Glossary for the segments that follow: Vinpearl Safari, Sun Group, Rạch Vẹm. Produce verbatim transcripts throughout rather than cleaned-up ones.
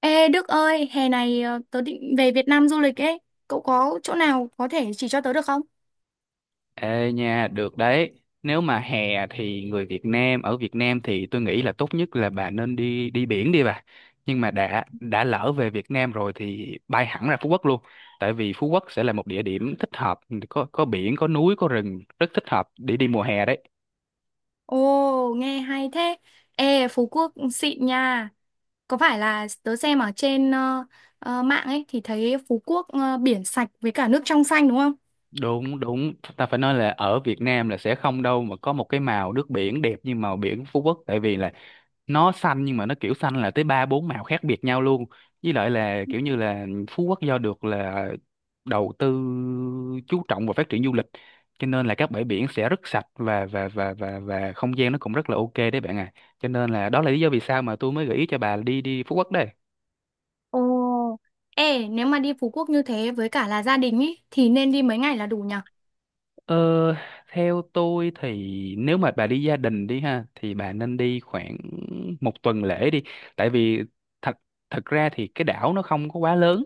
Ê Đức ơi, hè này ờ, tớ định về Việt Nam du lịch ấy. Cậu có chỗ nào có thể chỉ cho tớ được không? Ê nha, được đấy. Nếu mà hè thì người Việt Nam ở Việt Nam thì tôi nghĩ là tốt nhất là bà nên đi đi biển đi bà. Nhưng mà đã đã lỡ về Việt Nam rồi thì bay hẳn ra Phú Quốc luôn. Tại vì Phú Quốc sẽ là một địa điểm thích hợp, có có biển, có núi, có rừng, rất thích hợp để đi mùa hè đấy. Ồ, nghe hay thế. Ê, Phú Quốc xịn nha. Có phải là tớ xem ở trên ờ, ờ, mạng ấy thì thấy Phú Quốc ờ, biển sạch với cả nước trong xanh đúng không? Đúng, đúng. Ta phải nói là ở Việt Nam là sẽ không đâu mà có một cái màu nước biển đẹp như màu biển Phú Quốc. Tại vì là nó xanh nhưng mà nó kiểu xanh là tới ba bốn màu khác biệt nhau luôn. Với lại là kiểu như là Phú Quốc do được là đầu tư chú trọng vào phát triển du lịch, cho nên là các bãi biển sẽ rất sạch và và và và và không gian nó cũng rất là ok đấy bạn à, cho nên là đó là lý do vì sao mà tôi mới gợi ý cho bà đi đi Phú Quốc đây. Ồ, ê, nếu mà đi Phú Quốc như thế với cả là gia đình ấy thì nên đi mấy ngày là đủ nhở? ờ, Theo tôi thì nếu mà bà đi gia đình đi ha thì bà nên đi khoảng một tuần lễ đi, tại vì thật thật ra thì cái đảo nó không có quá lớn,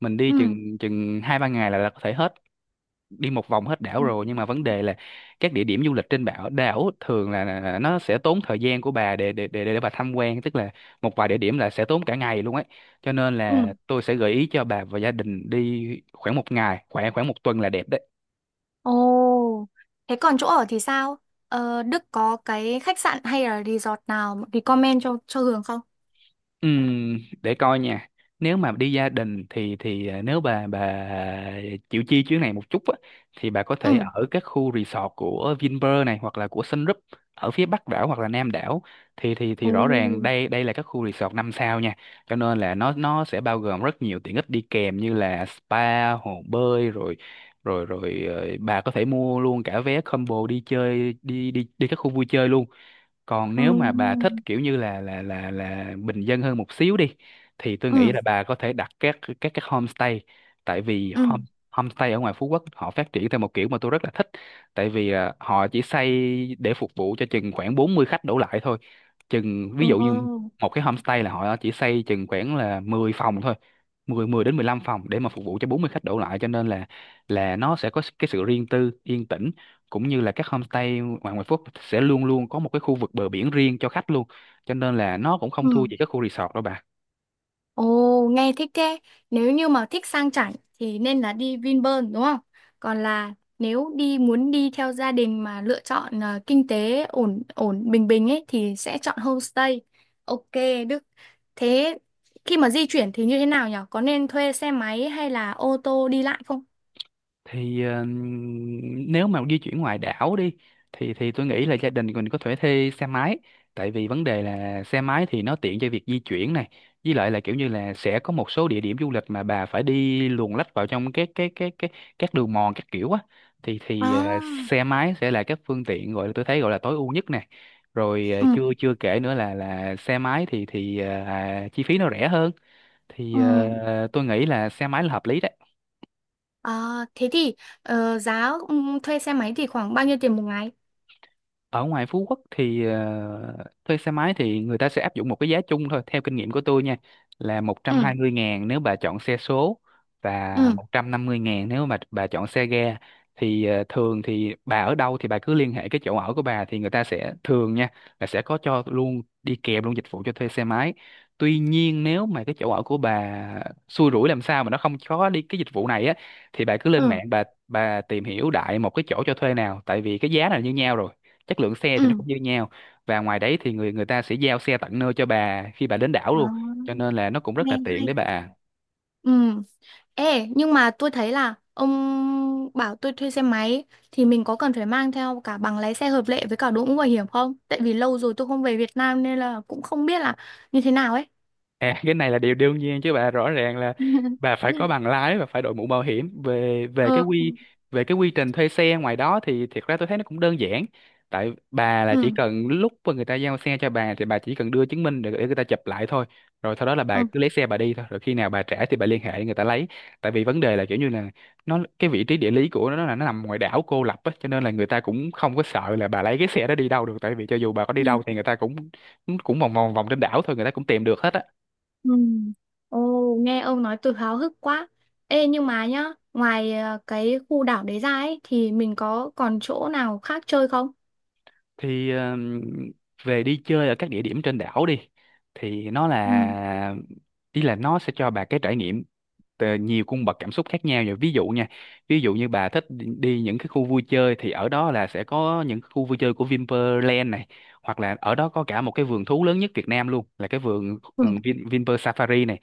mình đi Ừ. chừng chừng hai ba ngày là, là có thể hết đi một vòng hết đảo Ừ. rồi. Nhưng mà vấn đề là các địa điểm du lịch trên đảo đảo thường là, là là nó sẽ tốn thời gian của bà để để để để bà tham quan, tức là một vài địa điểm là sẽ tốn cả ngày luôn ấy. Cho nên là Ừ. tôi sẽ gợi ý cho bà và gia đình đi khoảng một ngày khoảng khoảng một tuần là đẹp đấy. Ồ, thế còn chỗ ở thì sao? Ờ, Đức có cái khách sạn hay là resort nào recommend cho cho Hường không? Ừm, để coi nha. Nếu mà đi gia đình thì thì à, nếu bà bà chịu chi chuyến này một chút á thì bà có thể Ừ. ở các khu resort của Vinpearl này hoặc là của Sun Group ở phía Bắc đảo hoặc là Nam đảo, thì thì thì Ồ. rõ ràng đây đây là các khu resort năm sao nha. Cho nên là nó nó sẽ bao gồm rất nhiều tiện ích đi kèm như là spa, hồ bơi, rồi rồi rồi ờ, bà có thể mua luôn cả vé combo đi chơi đi đi đi các khu vui chơi luôn. Còn Ừ. nếu mà bà thích kiểu như là là là là bình dân hơn một xíu đi, thì tôi nghĩ Ừ. là bà có thể đặt các các các homestay, tại vì hom Ừ. homestay ở ngoài Phú Quốc họ phát triển theo một kiểu mà tôi rất là thích. Tại vì à, họ chỉ xây để phục vụ cho chừng khoảng bốn mươi khách đổ lại thôi, chừng ví Ừ. dụ như Ồ. một cái homestay là họ chỉ xây chừng khoảng là mười phòng thôi à. mười mười đến mười lăm phòng để mà phục vụ cho bốn mươi khách đổ lại, cho nên là là nó sẽ có cái sự riêng tư yên tĩnh, cũng như là các homestay ngoài ngoại Phúc sẽ luôn luôn có một cái khu vực bờ biển riêng cho khách luôn, cho nên là nó cũng không thua Ừ. gì các khu resort đâu bà. Ồ, nghe thích thế. Nếu như mà thích sang chảnh thì nên là đi Vinpearl đúng không? Còn là nếu đi muốn đi theo gia đình mà lựa chọn ờ, kinh tế ổn ổn bình bình ấy thì sẽ chọn homestay. Ok, Đức. Thế khi mà di chuyển thì như thế nào nhỉ? Có nên thuê xe máy hay là ô tô đi lại không? thì ờ, Nếu mà di chuyển ngoài đảo đi, thì thì tôi nghĩ là gia đình mình có thể thuê xe máy, tại vì vấn đề là xe máy thì nó tiện cho việc di chuyển này. Với lại là kiểu như là sẽ có một số địa điểm du lịch mà bà phải đi luồn lách vào trong cái cái cái cái các đường mòn các kiểu á, thì thì ờ, À, xe máy sẽ là các phương tiện gọi là tôi thấy gọi là tối ưu nhất này. Rồi ờ, Ừ, chưa chưa kể nữa là là xe máy thì thì ờ, à, chi phí nó rẻ hơn, thì ừ. Ừ. Ờ, tôi nghĩ là xe máy là hợp lý đấy. À, thế thì ờ, giá ừ, thuê xe máy thì khoảng bao nhiêu tiền một ngày? Ở ngoài Phú Quốc thì ờ, thuê xe máy thì người ta sẽ áp dụng một cái giá chung thôi theo kinh nghiệm của tôi nha, là một trăm hai Ừ, mươi ngàn nếu bà chọn xe số và ừ, một trăm năm mươi ngàn nếu mà bà chọn xe ga. Thì ờ, thường thì bà ở đâu thì bà cứ liên hệ cái chỗ ở của bà thì người ta sẽ thường nha, là sẽ có cho luôn đi kèm luôn dịch vụ cho thuê xe máy. Tuy nhiên nếu mà cái chỗ ở của bà xui rủi làm sao mà nó không có đi cái dịch vụ này á, thì bà cứ lên ừ, mạng bà bà tìm hiểu đại một cái chỗ cho thuê nào, tại vì cái giá là như nhau rồi, chất lượng xe thì nó ừ. cũng như nhau. Và ngoài đấy thì người người ta sẽ giao xe tận nơi cho bà khi bà đến đảo À, luôn, cho nên là nó cũng rất là nghe tiện hay. để bà. Ừ. Ê, nhưng mà tôi thấy là ông bảo tôi thuê xe máy thì mình có cần phải mang theo cả bằng lái xe hợp lệ với cả đội mũ bảo hiểm không? Tại vì lâu rồi tôi không về Việt Nam nên là cũng không biết là như thế nào ấy. À, cái này là điều đương nhiên chứ bà, rõ ràng là bà phải có bằng lái và phải đội mũ bảo hiểm. Về về cái Ừ. quy, về cái quy trình thuê xe ngoài đó thì thiệt ra tôi thấy nó cũng đơn giản, tại bà là chỉ Ừ. cần lúc mà người ta giao xe cho bà thì bà chỉ cần đưa chứng minh để, để người ta chụp lại thôi, rồi sau đó là bà Ừ. cứ lấy xe bà đi thôi, rồi khi nào bà trả thì bà liên hệ để người ta lấy. Tại vì vấn đề là kiểu như là nó, cái vị trí địa lý của nó là nó nằm ngoài đảo cô lập á, cho nên là người ta cũng không có sợ là bà lấy cái xe đó đi đâu được, tại vì cho dù bà có đi đâu thì người ta cũng cũng vòng vòng vòng trên đảo thôi, người ta cũng tìm được hết á. Ừ. Ồ, nghe ông nói tôi háo hức quá. Ê, nhưng mà nhá, ngoài ờ, cái khu đảo đấy ra ấy thì mình có còn chỗ nào khác chơi không? Thì ờm, Về đi chơi ở các địa điểm trên đảo đi, thì nó Ừ. là, ý là nó sẽ cho bà cái trải nghiệm tờ- nhiều cung bậc cảm xúc khác nhau. Rồi ví dụ nha, ví dụ như bà thích đi đi những cái khu vui chơi thì ở đó là sẽ có những khu vui chơi của Vinpearl này, hoặc là ở đó có cả một cái vườn thú lớn nhất Việt Nam luôn, là cái vườn Ừ. ừ, Vin, Vinpearl Safari này.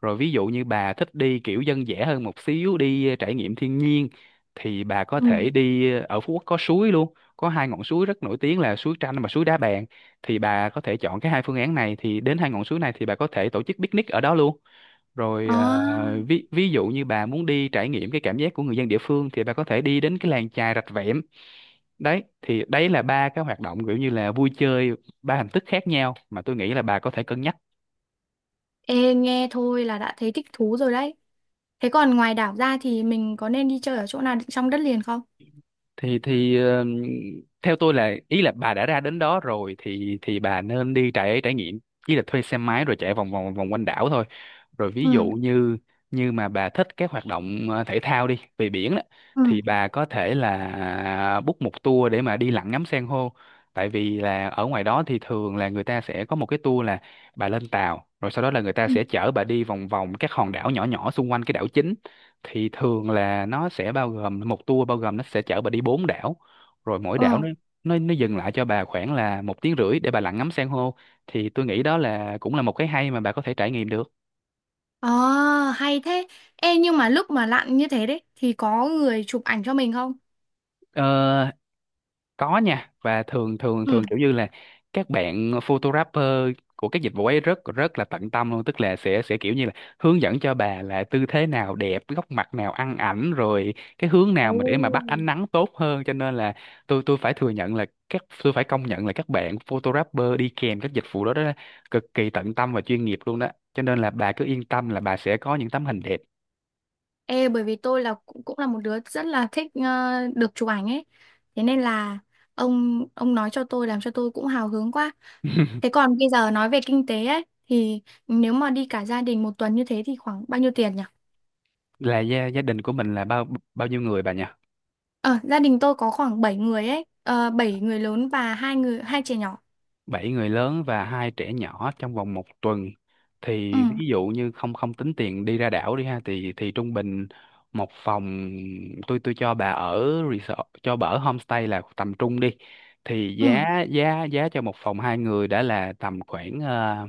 Rồi ví dụ như bà thích đi kiểu dân dã hơn một xíu, đi trải nghiệm thiên nhiên, thì bà có Ừ. thể đi ở Phú Quốc có suối luôn, có hai ngọn suối rất nổi tiếng là suối Tranh và suối Đá Bàn, thì bà có thể chọn cái hai phương án này, thì đến hai ngọn suối này thì bà có thể tổ chức picnic ở đó luôn. Rồi À. à, ví ví dụ như bà muốn đi trải nghiệm cái cảm giác của người dân địa phương, thì bà có thể đi đến cái làng chài Rạch Vẹm. Đấy thì đấy là ba cái hoạt động kiểu như là vui chơi, ba hình thức khác nhau mà tôi nghĩ là bà có thể cân nhắc. Ê, nghe thôi là đã thấy thích thú rồi đấy. Thế còn ngoài đảo ra thì mình có nên đi chơi ở chỗ nào trong đất liền không? thì thì ờ, Theo tôi là, ý là bà đã ra đến đó rồi thì thì bà nên đi trải trải nghiệm, ý là thuê xe máy rồi chạy vòng vòng vòng quanh đảo thôi. Rồi ví dụ Ừ. như như mà bà thích các hoạt động ờ, thể thao đi về biển đó, Ừ. thì bà có thể là book một tour để mà đi lặn ngắm san hô. Tại vì là ở ngoài đó thì thường là người ta sẽ có một cái tour là bà lên tàu, rồi sau đó là người ta Ừ. sẽ chở bà đi vòng vòng các hòn đảo nhỏ nhỏ xung quanh cái đảo chính. Thì thường là nó sẽ bao gồm một tour, bao gồm nó sẽ chở bà đi bốn đảo, rồi mỗi đảo Ờ. nó nó nó dừng lại cho bà khoảng là một tiếng rưỡi để bà lặn ngắm san hô, thì tôi nghĩ đó là cũng là một cái hay mà bà có thể trải nghiệm được. Ờ, hay thế. Ê, nhưng mà lúc mà lặn như thế đấy thì có người chụp ảnh cho mình không? Ờ, có nha, và thường thường Ừ. thường kiểu như là các bạn photographer của các dịch vụ ấy rất rất là tận tâm luôn, tức là sẽ sẽ kiểu như là hướng dẫn cho bà là tư thế nào đẹp, góc mặt nào ăn ảnh, rồi cái hướng nào mà để Ồ. mà bắt ánh nắng tốt hơn, cho nên là tôi tôi phải thừa nhận là các, tôi phải công nhận là các bạn photographer đi kèm các dịch vụ đó đó cực kỳ tận tâm và chuyên nghiệp luôn đó, cho nên là bà cứ yên tâm là bà sẽ có những tấm hình đẹp. Ê, bởi vì tôi là cũng cũng là một đứa rất là thích ờ, được chụp ảnh ấy. Thế nên là ông ông nói cho tôi làm cho tôi cũng hào hứng quá. Thế còn bây giờ nói về kinh tế ấy thì nếu mà đi cả gia đình một tuần như thế thì khoảng bao nhiêu tiền nhỉ? Là gia gia đình của mình là bao bao nhiêu người bà nhỉ? Ờ, gia đình tôi có khoảng bảy người ấy, ờ, bảy người lớn và hai người hai trẻ nhỏ. Bảy người lớn và hai trẻ nhỏ trong vòng một tuần, Ừ, thì ví dụ như không không tính tiền đi ra đảo đi ha, thì thì trung bình một phòng, tôi tôi cho bà ở resort cho bà ở homestay là tầm trung đi, thì giá ừ, giá giá cho một phòng hai người đã là tầm khoảng ờ,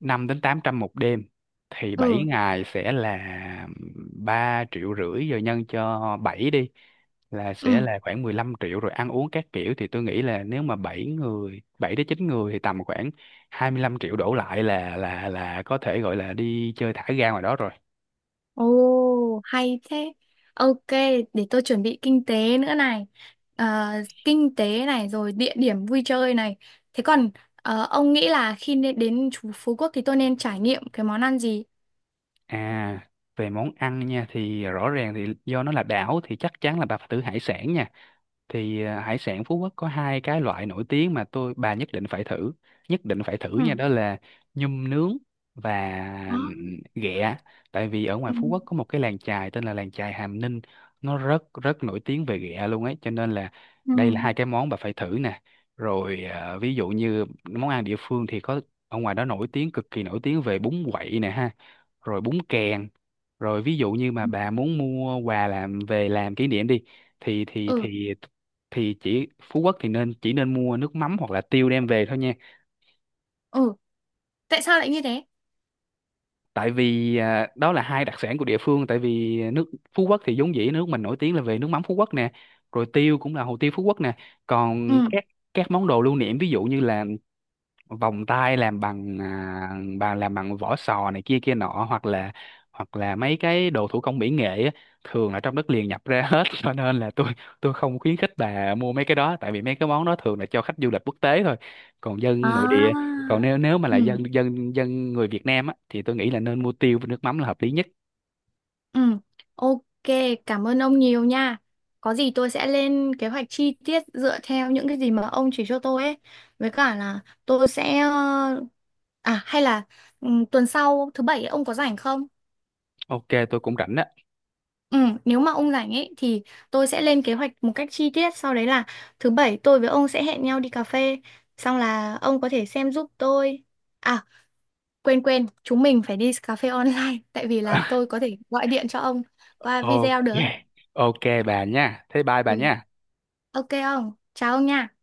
năm đến tám trăm một đêm, thì bảy ừ, ngày sẽ là ba triệu rưỡi rồi nhân cho bảy đi, là sẽ ừ. là khoảng mười lăm triệu. Rồi ăn uống các kiểu thì tôi nghĩ là nếu mà bảy người, bảy đến chín người thì tầm khoảng hai mươi lăm triệu đổ lại là là là có thể gọi là đi chơi thả ga ngoài đó rồi. Ồ, hay thế. Ok, để tôi chuẩn bị kinh tế nữa này. Ờ, kinh tế này rồi địa điểm vui chơi này. Thế còn ờ, ông nghĩ là khi nên đến chú Phú Quốc thì tôi nên trải nghiệm cái món ăn gì? À về món ăn nha, thì rõ ràng thì do nó là đảo thì chắc chắn là bà phải thử hải sản nha. Thì à, hải sản Phú Quốc có hai cái loại nổi tiếng mà tôi, bà nhất định phải thử, nhất định phải thử Ừ. nha, đó là nhum nướng và ừm, Đó. ghẹ. Tại vì ở ngoài Ừ. Phú Quốc có một cái làng chài tên là làng chài Hàm Ninh, nó rất rất nổi tiếng về ghẹ luôn ấy, cho nên là Ừ. đây là hai cái món bà phải thử nè. Rồi à, ví dụ như món ăn địa phương thì có, ở ngoài đó nổi tiếng, cực kỳ nổi tiếng về bún quậy nè ha, rồi bún kèn. Rồi ví dụ như mà bà muốn mua quà làm về làm kỷ niệm đi, thì thì Ừ. thì thì chỉ Phú Quốc thì nên chỉ nên mua nước mắm hoặc là tiêu đem về thôi nha. Ừ. Tại sao lại như thế? Tại vì à, đó là hai đặc sản của địa phương, tại vì nước Phú Quốc thì vốn dĩ nước mình nổi tiếng là về nước mắm Phú Quốc nè, rồi tiêu cũng là hồ tiêu Phú Quốc nè. Còn Ừ. các các món đồ lưu niệm ví dụ như là vòng tay làm bằng à, bằng làm bằng vỏ sò này kia kia nọ, hoặc là hoặc là mấy cái đồ thủ công mỹ nghệ á, thường là trong đất liền nhập ra hết. Cho nên là tôi tôi không khuyến khích bà mua mấy cái đó, tại vì mấy cái món đó thường là cho khách du lịch quốc tế thôi, còn dân nội địa, À. còn nếu nếu mà là Ừ. dân dân dân người Việt Nam á, thì tôi nghĩ là nên mua tiêu với nước mắm là hợp lý nhất. Ừ, ok, cảm ơn ông nhiều nha. Có gì tôi sẽ lên kế hoạch chi tiết dựa theo những cái gì mà ông chỉ cho tôi ấy. Với cả là tôi sẽ... ờ, à, hay là ừ, tuần sau thứ bảy ấy, ông có rảnh không? Ok tôi cũng rảnh đó. Ừ, nếu mà ông rảnh ấy thì tôi sẽ lên kế hoạch một cách chi tiết. Sau đấy là thứ bảy tôi với ông sẽ hẹn nhau đi cà phê. Xong là ông có thể xem giúp tôi. À, quên quên, chúng mình phải đi cà phê online. Tại vì là tôi có thể gọi điện cho ông qua video Ok, được. ok bà nha, thế bye bà Ừ. nha. Ok ông, chào ông nha.